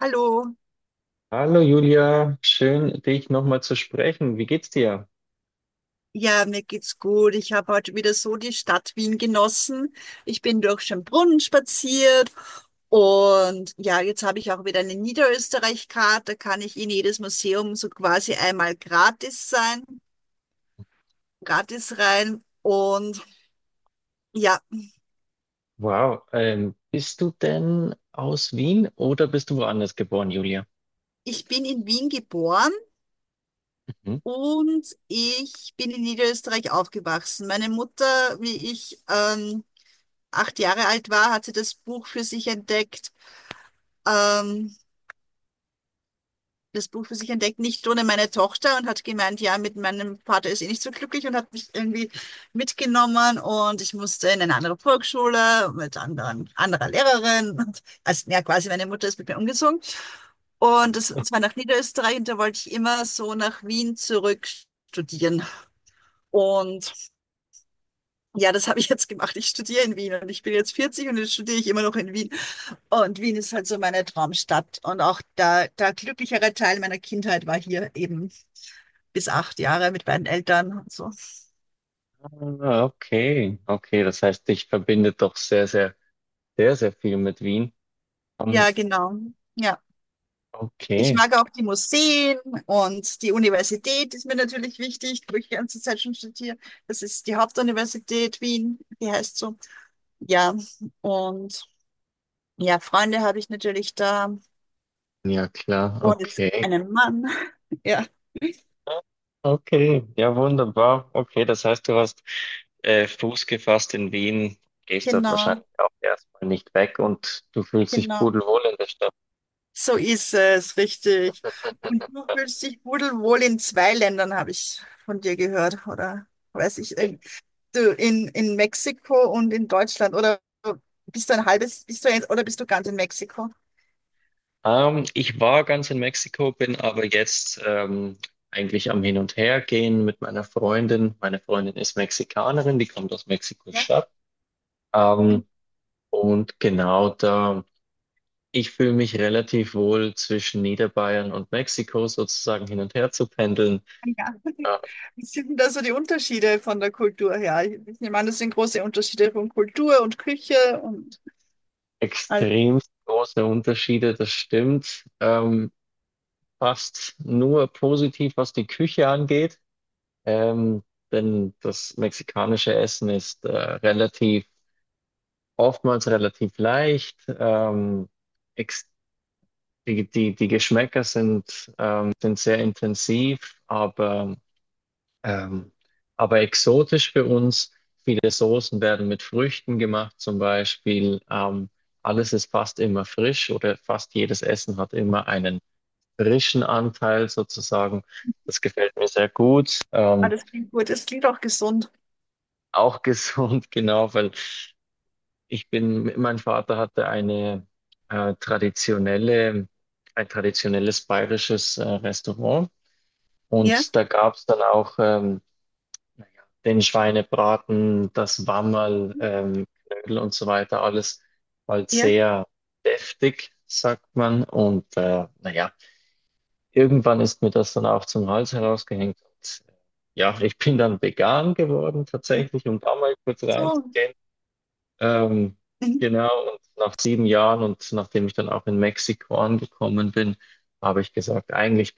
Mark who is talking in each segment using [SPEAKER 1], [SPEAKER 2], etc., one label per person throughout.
[SPEAKER 1] Hallo,
[SPEAKER 2] Hallo Julia, schön dich nochmal zu sprechen. Wie geht's dir?
[SPEAKER 1] ja, mir geht's gut. Ich habe heute wieder so die Stadt Wien genossen. Ich bin durch Schönbrunn spaziert und ja, jetzt habe ich auch wieder eine Niederösterreich-Karte. Da kann ich in jedes Museum so quasi einmal gratis sein, gratis rein. Und ja,
[SPEAKER 2] Wow, bist du denn aus Wien oder bist du woanders geboren, Julia?
[SPEAKER 1] ich bin in Wien geboren
[SPEAKER 2] Mhm.
[SPEAKER 1] und ich bin in Niederösterreich aufgewachsen. Meine Mutter, wie ich 8 Jahre alt war, hat sie das Buch für sich entdeckt. Ähm, das Buch für sich entdeckt, nicht ohne meine Tochter und hat gemeint, ja, mit meinem Vater ist sie nicht so glücklich und hat mich irgendwie mitgenommen und ich musste in eine andere Volksschule mit anderen, anderer Lehrerin. Und, also ja, quasi meine Mutter ist mit mir umgezogen. Und das war nach Niederösterreich und da wollte ich immer so nach Wien zurück studieren. Und ja, das habe ich jetzt gemacht. Ich studiere in Wien und ich bin jetzt 40 und jetzt studiere ich immer noch in Wien. Und Wien ist halt so meine Traumstadt. Und auch der glücklichere Teil meiner Kindheit war hier eben bis 8 Jahre mit beiden Eltern und so.
[SPEAKER 2] Ah, okay, okay, das heißt, dich verbindet doch sehr viel mit Wien. Ähm,
[SPEAKER 1] Ja, genau. Ja. Ich
[SPEAKER 2] okay,
[SPEAKER 1] mag auch die Museen und die Universität ist mir natürlich wichtig, wo ich die ganze Zeit schon studiere. Das ist die Hauptuniversität Wien, die heißt so. Ja, und ja, Freunde habe ich natürlich da
[SPEAKER 2] ja klar,
[SPEAKER 1] und jetzt
[SPEAKER 2] okay.
[SPEAKER 1] einen Mann. Ja,
[SPEAKER 2] Okay, ja wunderbar. Okay, das heißt, du hast Fuß gefasst in Wien, gehst dort
[SPEAKER 1] genau,
[SPEAKER 2] wahrscheinlich auch erstmal nicht weg und du fühlst dich
[SPEAKER 1] genau.
[SPEAKER 2] pudelwohl in der Stadt.
[SPEAKER 1] So ist es, richtig. Und du fühlst dich pudelwohl in zwei Ländern, habe ich von dir gehört, oder weiß ich, in Mexiko und in Deutschland, oder bist du ein halbes, bist du ein, oder bist du ganz in Mexiko?
[SPEAKER 2] Ich war ganz in Mexiko, bin aber jetzt eigentlich am Hin und Her gehen mit meiner Freundin. Meine Freundin ist Mexikanerin, die kommt aus
[SPEAKER 1] Ja.
[SPEAKER 2] Mexiko-Stadt. Ähm, und genau da, ich fühle mich relativ wohl zwischen Niederbayern und Mexiko sozusagen hin und her zu pendeln.
[SPEAKER 1] Ja.
[SPEAKER 2] Äh,
[SPEAKER 1] Wie sind denn da so die Unterschiede von der Kultur her? Ich nehme an, das sind große Unterschiede von Kultur und Küche und alles,
[SPEAKER 2] extrem große Unterschiede, das stimmt. Fast nur positiv, was die Küche angeht. Ähm, denn das mexikanische Essen ist relativ oftmals relativ leicht. Ex Die Geschmäcker sind, sind sehr intensiv, ähm, aber exotisch für uns. Viele Soßen werden mit Früchten gemacht, zum Beispiel. Alles ist fast immer frisch oder fast jedes Essen hat immer einen frischen Anteil sozusagen. Das gefällt mir sehr gut.
[SPEAKER 1] alles klingt gut. Es klingt auch gesund.
[SPEAKER 2] Auch gesund, genau, weil ich bin, mein Vater hatte eine äh, traditionelle, ein traditionelles bayerisches Restaurant
[SPEAKER 1] Ja,
[SPEAKER 2] und da gab es dann auch naja, den Schweinebraten, das Wammerl, Knödel und so weiter, alles halt
[SPEAKER 1] ja,
[SPEAKER 2] sehr deftig, sagt man. Und naja, irgendwann ist mir das dann auch zum Hals herausgehängt. Und, ja, ich bin dann vegan geworden
[SPEAKER 1] ja.
[SPEAKER 2] tatsächlich, um da mal kurz
[SPEAKER 1] So,
[SPEAKER 2] reinzugehen. Ähm,
[SPEAKER 1] mhm.
[SPEAKER 2] genau, und nach 7 Jahren und nachdem ich dann auch in Mexiko angekommen bin, habe ich gesagt, eigentlich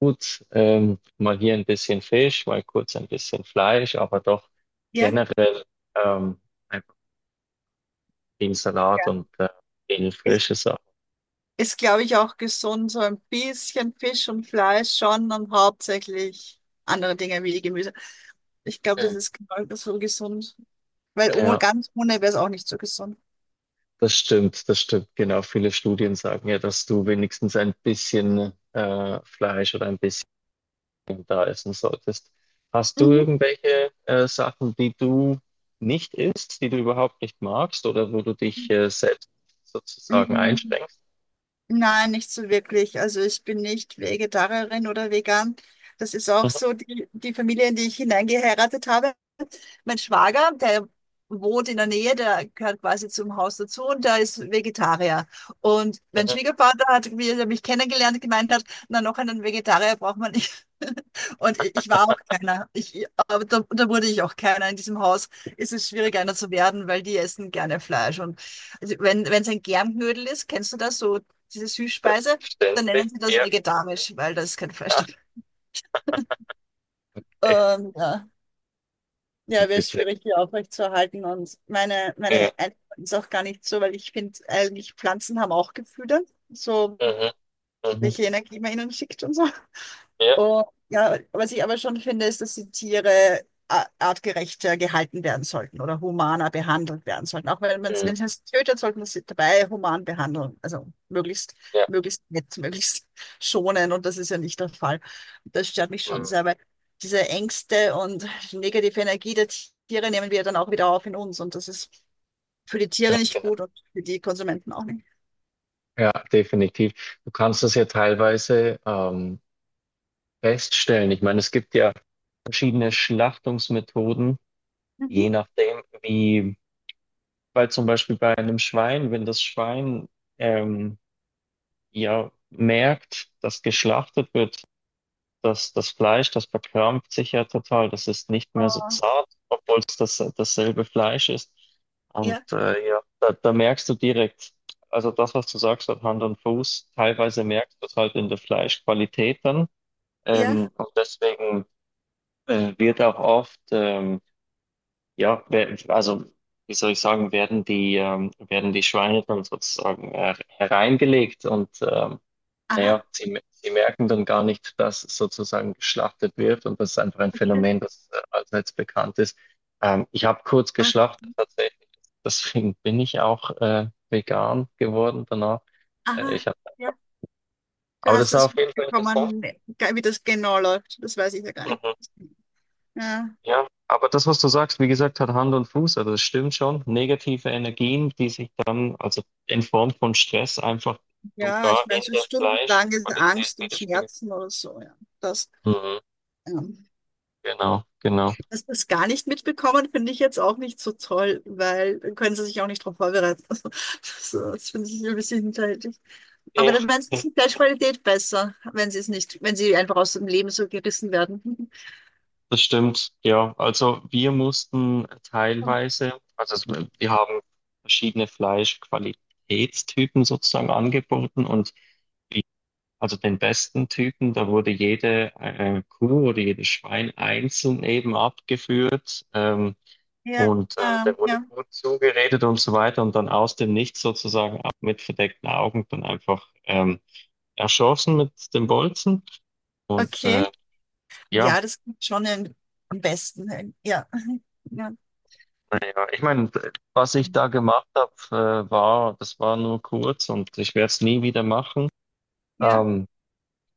[SPEAKER 2] gut, mal hier ein bisschen Fisch, mal kurz ein bisschen Fleisch, aber doch
[SPEAKER 1] Ja.
[SPEAKER 2] generell ähm, einfach viel Salat
[SPEAKER 1] Ja.
[SPEAKER 2] und viel frische Sachen.
[SPEAKER 1] Ist, glaube ich, auch gesund, so ein bisschen Fisch und Fleisch schon und hauptsächlich andere Dinge wie Gemüse. Ich glaube, das
[SPEAKER 2] Mhm.
[SPEAKER 1] ist genau so gesund, weil oh,
[SPEAKER 2] Ja,
[SPEAKER 1] ganz ohne wäre es auch nicht so gesund.
[SPEAKER 2] das stimmt, das stimmt. Genau, viele Studien sagen ja, dass du wenigstens ein bisschen Fleisch oder ein bisschen da essen solltest. Hast du
[SPEAKER 1] Mhm.
[SPEAKER 2] irgendwelche Sachen, die du nicht isst, die du überhaupt nicht magst oder wo du dich selbst sozusagen
[SPEAKER 1] Mhm.
[SPEAKER 2] einschränkst?
[SPEAKER 1] Nein, nicht so wirklich. Also ich bin nicht Vegetarierin oder vegan. Das ist auch
[SPEAKER 2] Mhm,
[SPEAKER 1] so die Familie, in die ich hineingeheiratet habe. Mein Schwager, der wohnt in der Nähe, der gehört quasi zum Haus dazu und der ist Vegetarier. Und mein
[SPEAKER 2] mhm.
[SPEAKER 1] Schwiegervater hat, wie er mich kennengelernt, gemeint hat, na, noch einen Vegetarier braucht man nicht. Und ich war auch keiner. Ich, aber da, wurde ich auch keiner. In diesem Haus ist es schwierig, einer zu werden, weil die essen gerne Fleisch. Und also wenn es ein Germknödel ist, kennst du das, so diese Süßspeise, dann
[SPEAKER 2] Verständlich,
[SPEAKER 1] nennen sie das
[SPEAKER 2] ja,
[SPEAKER 1] vegetarisch, weil da ist kein Fleisch
[SPEAKER 2] ach,
[SPEAKER 1] drin.
[SPEAKER 2] echt
[SPEAKER 1] Ja. Ja,
[SPEAKER 2] ganz
[SPEAKER 1] wäre
[SPEAKER 2] witzig.
[SPEAKER 1] schwierig, die aufrechtzuerhalten. Und meine
[SPEAKER 2] Ja,
[SPEAKER 1] Einstellung ist auch gar nicht so, weil ich finde, eigentlich Pflanzen haben auch Gefühle, so
[SPEAKER 2] mhm, mhm,
[SPEAKER 1] welche Energie man ihnen schickt und so.
[SPEAKER 2] ja,
[SPEAKER 1] Und ja, was ich aber schon finde, ist, dass die Tiere artgerechter gehalten werden sollten oder humaner behandelt werden sollten. Auch wenn man es,
[SPEAKER 2] mhm,
[SPEAKER 1] wenn es tötet, sollten wir sie dabei human behandeln. Also möglichst,
[SPEAKER 2] ja,
[SPEAKER 1] möglichst nett, möglichst schonen. Und das ist ja nicht der Fall. Das stört mich schon
[SPEAKER 2] mhm,
[SPEAKER 1] sehr, weil diese Ängste und negative Energie der Tiere nehmen wir dann auch wieder auf in uns. Und das ist für die Tiere
[SPEAKER 2] ganz
[SPEAKER 1] nicht
[SPEAKER 2] genau.
[SPEAKER 1] gut und für die Konsumenten auch nicht.
[SPEAKER 2] Ja, definitiv. Du kannst das ja teilweise feststellen. Ich meine, es gibt ja verschiedene Schlachtungsmethoden,
[SPEAKER 1] Mhm.
[SPEAKER 2] je nachdem, wie. Weil zum Beispiel bei einem Schwein, wenn das Schwein ähm, ja merkt, dass geschlachtet wird, dass das Fleisch, das verkrampft sich ja total, das ist nicht mehr so
[SPEAKER 1] Oh,
[SPEAKER 2] zart, obwohl es das, dasselbe Fleisch ist. Und
[SPEAKER 1] ja,
[SPEAKER 2] ja, da merkst du direkt, also das, was du sagst, hat Hand und Fuß. Teilweise merkst du es halt in der Fleischqualität dann.
[SPEAKER 1] ja,
[SPEAKER 2] Und deswegen wird auch oft ja, also wie soll ich sagen, werden die Schweine dann sozusagen hereingelegt und naja,
[SPEAKER 1] aha,
[SPEAKER 2] sie merken dann gar nicht, dass sozusagen geschlachtet wird und das ist einfach ein
[SPEAKER 1] okay,
[SPEAKER 2] Phänomen, das allseits bekannt ist. Ich habe kurz
[SPEAKER 1] oh,
[SPEAKER 2] geschlachtet tatsächlich, deswegen bin ich auch vegan geworden danach. Äh, ich
[SPEAKER 1] aha.
[SPEAKER 2] hab,
[SPEAKER 1] Ja. Du
[SPEAKER 2] aber das
[SPEAKER 1] hast
[SPEAKER 2] war
[SPEAKER 1] das
[SPEAKER 2] auf jeden Fall interessant.
[SPEAKER 1] mitbekommen, wie das genau läuft. Das weiß ich ja gar nicht.
[SPEAKER 2] Mhm.
[SPEAKER 1] Ja,
[SPEAKER 2] Ja, aber das, was du sagst, wie gesagt, hat Hand und Fuß, also das stimmt schon. Negative Energien, die sich dann, also in Form von Stress, einfach
[SPEAKER 1] ja ich
[SPEAKER 2] sogar
[SPEAKER 1] meine,
[SPEAKER 2] in
[SPEAKER 1] so
[SPEAKER 2] der
[SPEAKER 1] stundenlange
[SPEAKER 2] Fleischqualität
[SPEAKER 1] Angst und
[SPEAKER 2] widerspiegeln.
[SPEAKER 1] Schmerzen oder so. Ja. Das,
[SPEAKER 2] Mhm.
[SPEAKER 1] ähm,
[SPEAKER 2] Genau, genau.
[SPEAKER 1] dass das gar nicht mitbekommen, finde ich jetzt auch nicht so toll, weil dann können sie sich auch nicht darauf vorbereiten. Also, das finde ich ein bisschen hinterhältig. Aber
[SPEAKER 2] Ja,
[SPEAKER 1] dann wäre es ist
[SPEAKER 2] das,
[SPEAKER 1] die Fleischqualität besser, wenn sie es nicht, wenn sie einfach aus dem Leben so gerissen werden.
[SPEAKER 2] das stimmt, ja. Also wir mussten teilweise, also es- wir haben verschiedene Fleischqualitätstypen sozusagen angeboten und. Also den besten Typen, da wurde jede Kuh oder jedes Schwein einzeln eben abgeführt,
[SPEAKER 1] Ja,
[SPEAKER 2] und der wurde
[SPEAKER 1] ja,
[SPEAKER 2] gut zugeredet und so weiter und dann aus dem Nichts sozusagen ab mit verdeckten Augen dann einfach erschossen mit dem Bolzen. Und
[SPEAKER 1] okay.
[SPEAKER 2] ja,
[SPEAKER 1] Ja, das klingt schon am besten. Ja, ja.
[SPEAKER 2] naja, ich meine, was ich da gemacht habe, war, das war nur kurz und ich werde es nie wieder machen.
[SPEAKER 1] Ja,
[SPEAKER 2] Ähm,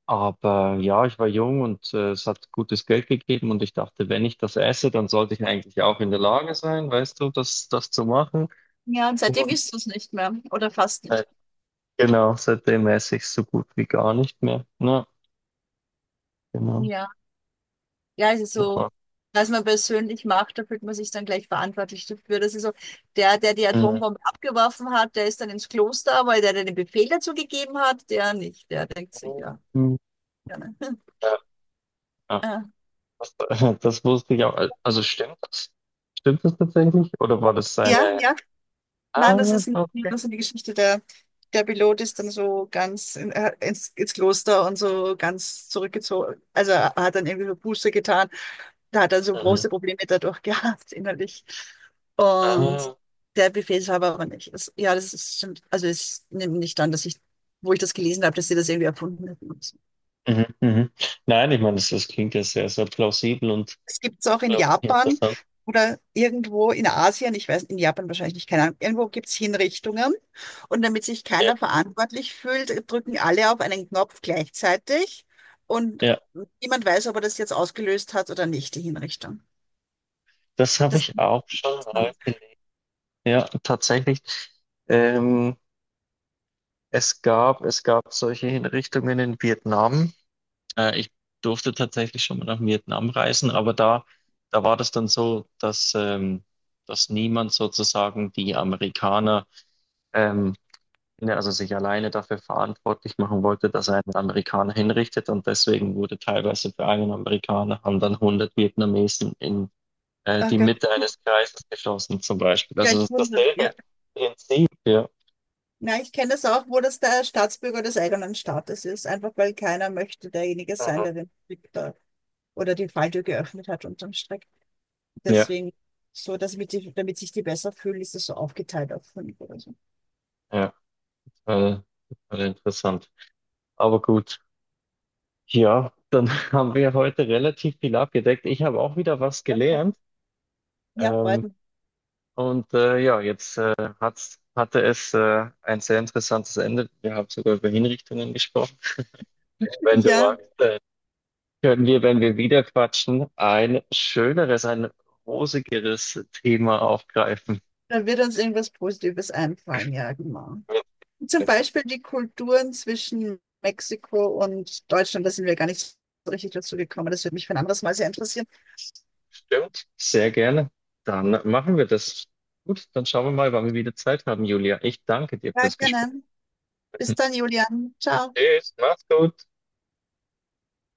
[SPEAKER 2] Aber ja, ich war jung und es hat gutes Geld gegeben und ich dachte, wenn ich das esse, dann sollte ich eigentlich auch in der Lage sein, weißt du, das zu machen.
[SPEAKER 1] ja, und seitdem
[SPEAKER 2] Und
[SPEAKER 1] isst du es nicht mehr oder fast
[SPEAKER 2] äh,
[SPEAKER 1] nicht.
[SPEAKER 2] genau, seitdem esse ich so gut wie gar nicht mehr. Ja, genau.
[SPEAKER 1] Ja, ja, es ist so,
[SPEAKER 2] Aber,
[SPEAKER 1] was man persönlich macht, da fühlt man sich dann gleich verantwortlich dafür. Das ist so, der, der, die
[SPEAKER 2] mm,
[SPEAKER 1] Atombombe abgeworfen hat, der ist dann ins Kloster, weil der den Befehl dazu gegeben hat, der nicht. Der denkt sich, ja,
[SPEAKER 2] mm,
[SPEAKER 1] gerne.
[SPEAKER 2] ja, ja,
[SPEAKER 1] Ja,
[SPEAKER 2] das, das wusste ich auch. Also stimmt das? Stimmt das tatsächlich? Oder war das
[SPEAKER 1] ja,
[SPEAKER 2] seine...
[SPEAKER 1] ja, nein,
[SPEAKER 2] Ah, okay.
[SPEAKER 1] das ist eine Geschichte. Der Pilot ist dann so ganz ins Kloster und so ganz zurückgezogen. Also er hat dann irgendwie so Buße getan. Da hat er so
[SPEAKER 2] Mhm.
[SPEAKER 1] große Probleme dadurch gehabt, innerlich. Und
[SPEAKER 2] Ah,
[SPEAKER 1] der Befehlshaber aber nicht. Das, ja, das ist stimmt. Also ich nehme nicht an, dass ich, wo ich das gelesen habe, dass sie das irgendwie erfunden hätten.
[SPEAKER 2] mhm, mhm. Nein, ich meine, das klingt ja sehr, sehr plausibel und
[SPEAKER 1] Es gibt es auch in
[SPEAKER 2] unglaublich
[SPEAKER 1] Japan
[SPEAKER 2] interessant.
[SPEAKER 1] oder irgendwo in Asien, ich weiß, in Japan wahrscheinlich nicht, keine Ahnung, irgendwo gibt es Hinrichtungen. Und damit sich
[SPEAKER 2] Ja.
[SPEAKER 1] keiner verantwortlich fühlt, drücken alle auf einen Knopf gleichzeitig und
[SPEAKER 2] Ja.
[SPEAKER 1] niemand weiß, ob er das jetzt ausgelöst hat oder nicht, die Hinrichtung.
[SPEAKER 2] Das habe
[SPEAKER 1] Das
[SPEAKER 2] ich auch
[SPEAKER 1] gibt's
[SPEAKER 2] schon
[SPEAKER 1] dann.
[SPEAKER 2] mal gelesen. Ja, tatsächlich. Ähm, es gab solche Hinrichtungen in Vietnam. Ich durfte tatsächlich schon mal nach Vietnam reisen, aber da war das dann so, dass, dass niemand sozusagen die Amerikaner, ähm, ne, also sich alleine dafür verantwortlich machen wollte, dass er einen Amerikaner hinrichtet. Und deswegen wurde teilweise für einen Amerikaner haben dann 100 Vietnamesen in
[SPEAKER 1] Ach
[SPEAKER 2] die
[SPEAKER 1] Gott,
[SPEAKER 2] Mitte eines Kreises geschossen zum Beispiel.
[SPEAKER 1] ja,
[SPEAKER 2] Also das
[SPEAKER 1] ich
[SPEAKER 2] ist
[SPEAKER 1] wundere,
[SPEAKER 2] dasselbe
[SPEAKER 1] ja.
[SPEAKER 2] Prinzip, ja.
[SPEAKER 1] Na, ich kenne das auch, wo das der Staatsbürger des eigenen Staates ist, einfach weil keiner möchte derjenige sein,
[SPEAKER 2] Mhm.
[SPEAKER 1] der den Krieg da oder die Falltür geöffnet hat unterm Strich.
[SPEAKER 2] Ja,
[SPEAKER 1] Deswegen, so dass ich die, damit sich die besser fühlen, ist das so aufgeteilt auf fünf oder so.
[SPEAKER 2] ja, äh, total interessant. Aber gut, ja, dann haben wir heute relativ viel abgedeckt. Ich habe auch wieder was
[SPEAKER 1] Ja,
[SPEAKER 2] gelernt.
[SPEAKER 1] ja, freut
[SPEAKER 2] Ähm,
[SPEAKER 1] mich.
[SPEAKER 2] ja, jetzt hatte es ein sehr interessantes Ende. Wir haben sogar über Hinrichtungen gesprochen. Wenn du
[SPEAKER 1] Ja,
[SPEAKER 2] magst, können wir, wenn wir wieder quatschen, ein rosigeres Thema aufgreifen.
[SPEAKER 1] da wird uns irgendwas Positives einfallen, ja, genau. Zum Beispiel die Kulturen zwischen Mexiko und Deutschland, da sind wir gar nicht so richtig dazu gekommen. Das würde mich für ein anderes Mal sehr interessieren.
[SPEAKER 2] Stimmt, sehr gerne. Dann machen wir das. Gut, dann schauen wir mal, wann wir wieder Zeit haben, Julia. Ich danke dir
[SPEAKER 1] Ja,
[SPEAKER 2] fürs Gespräch.
[SPEAKER 1] gerne. Bis dann, Julian. Ciao.
[SPEAKER 2] Tschüss, mach's gut.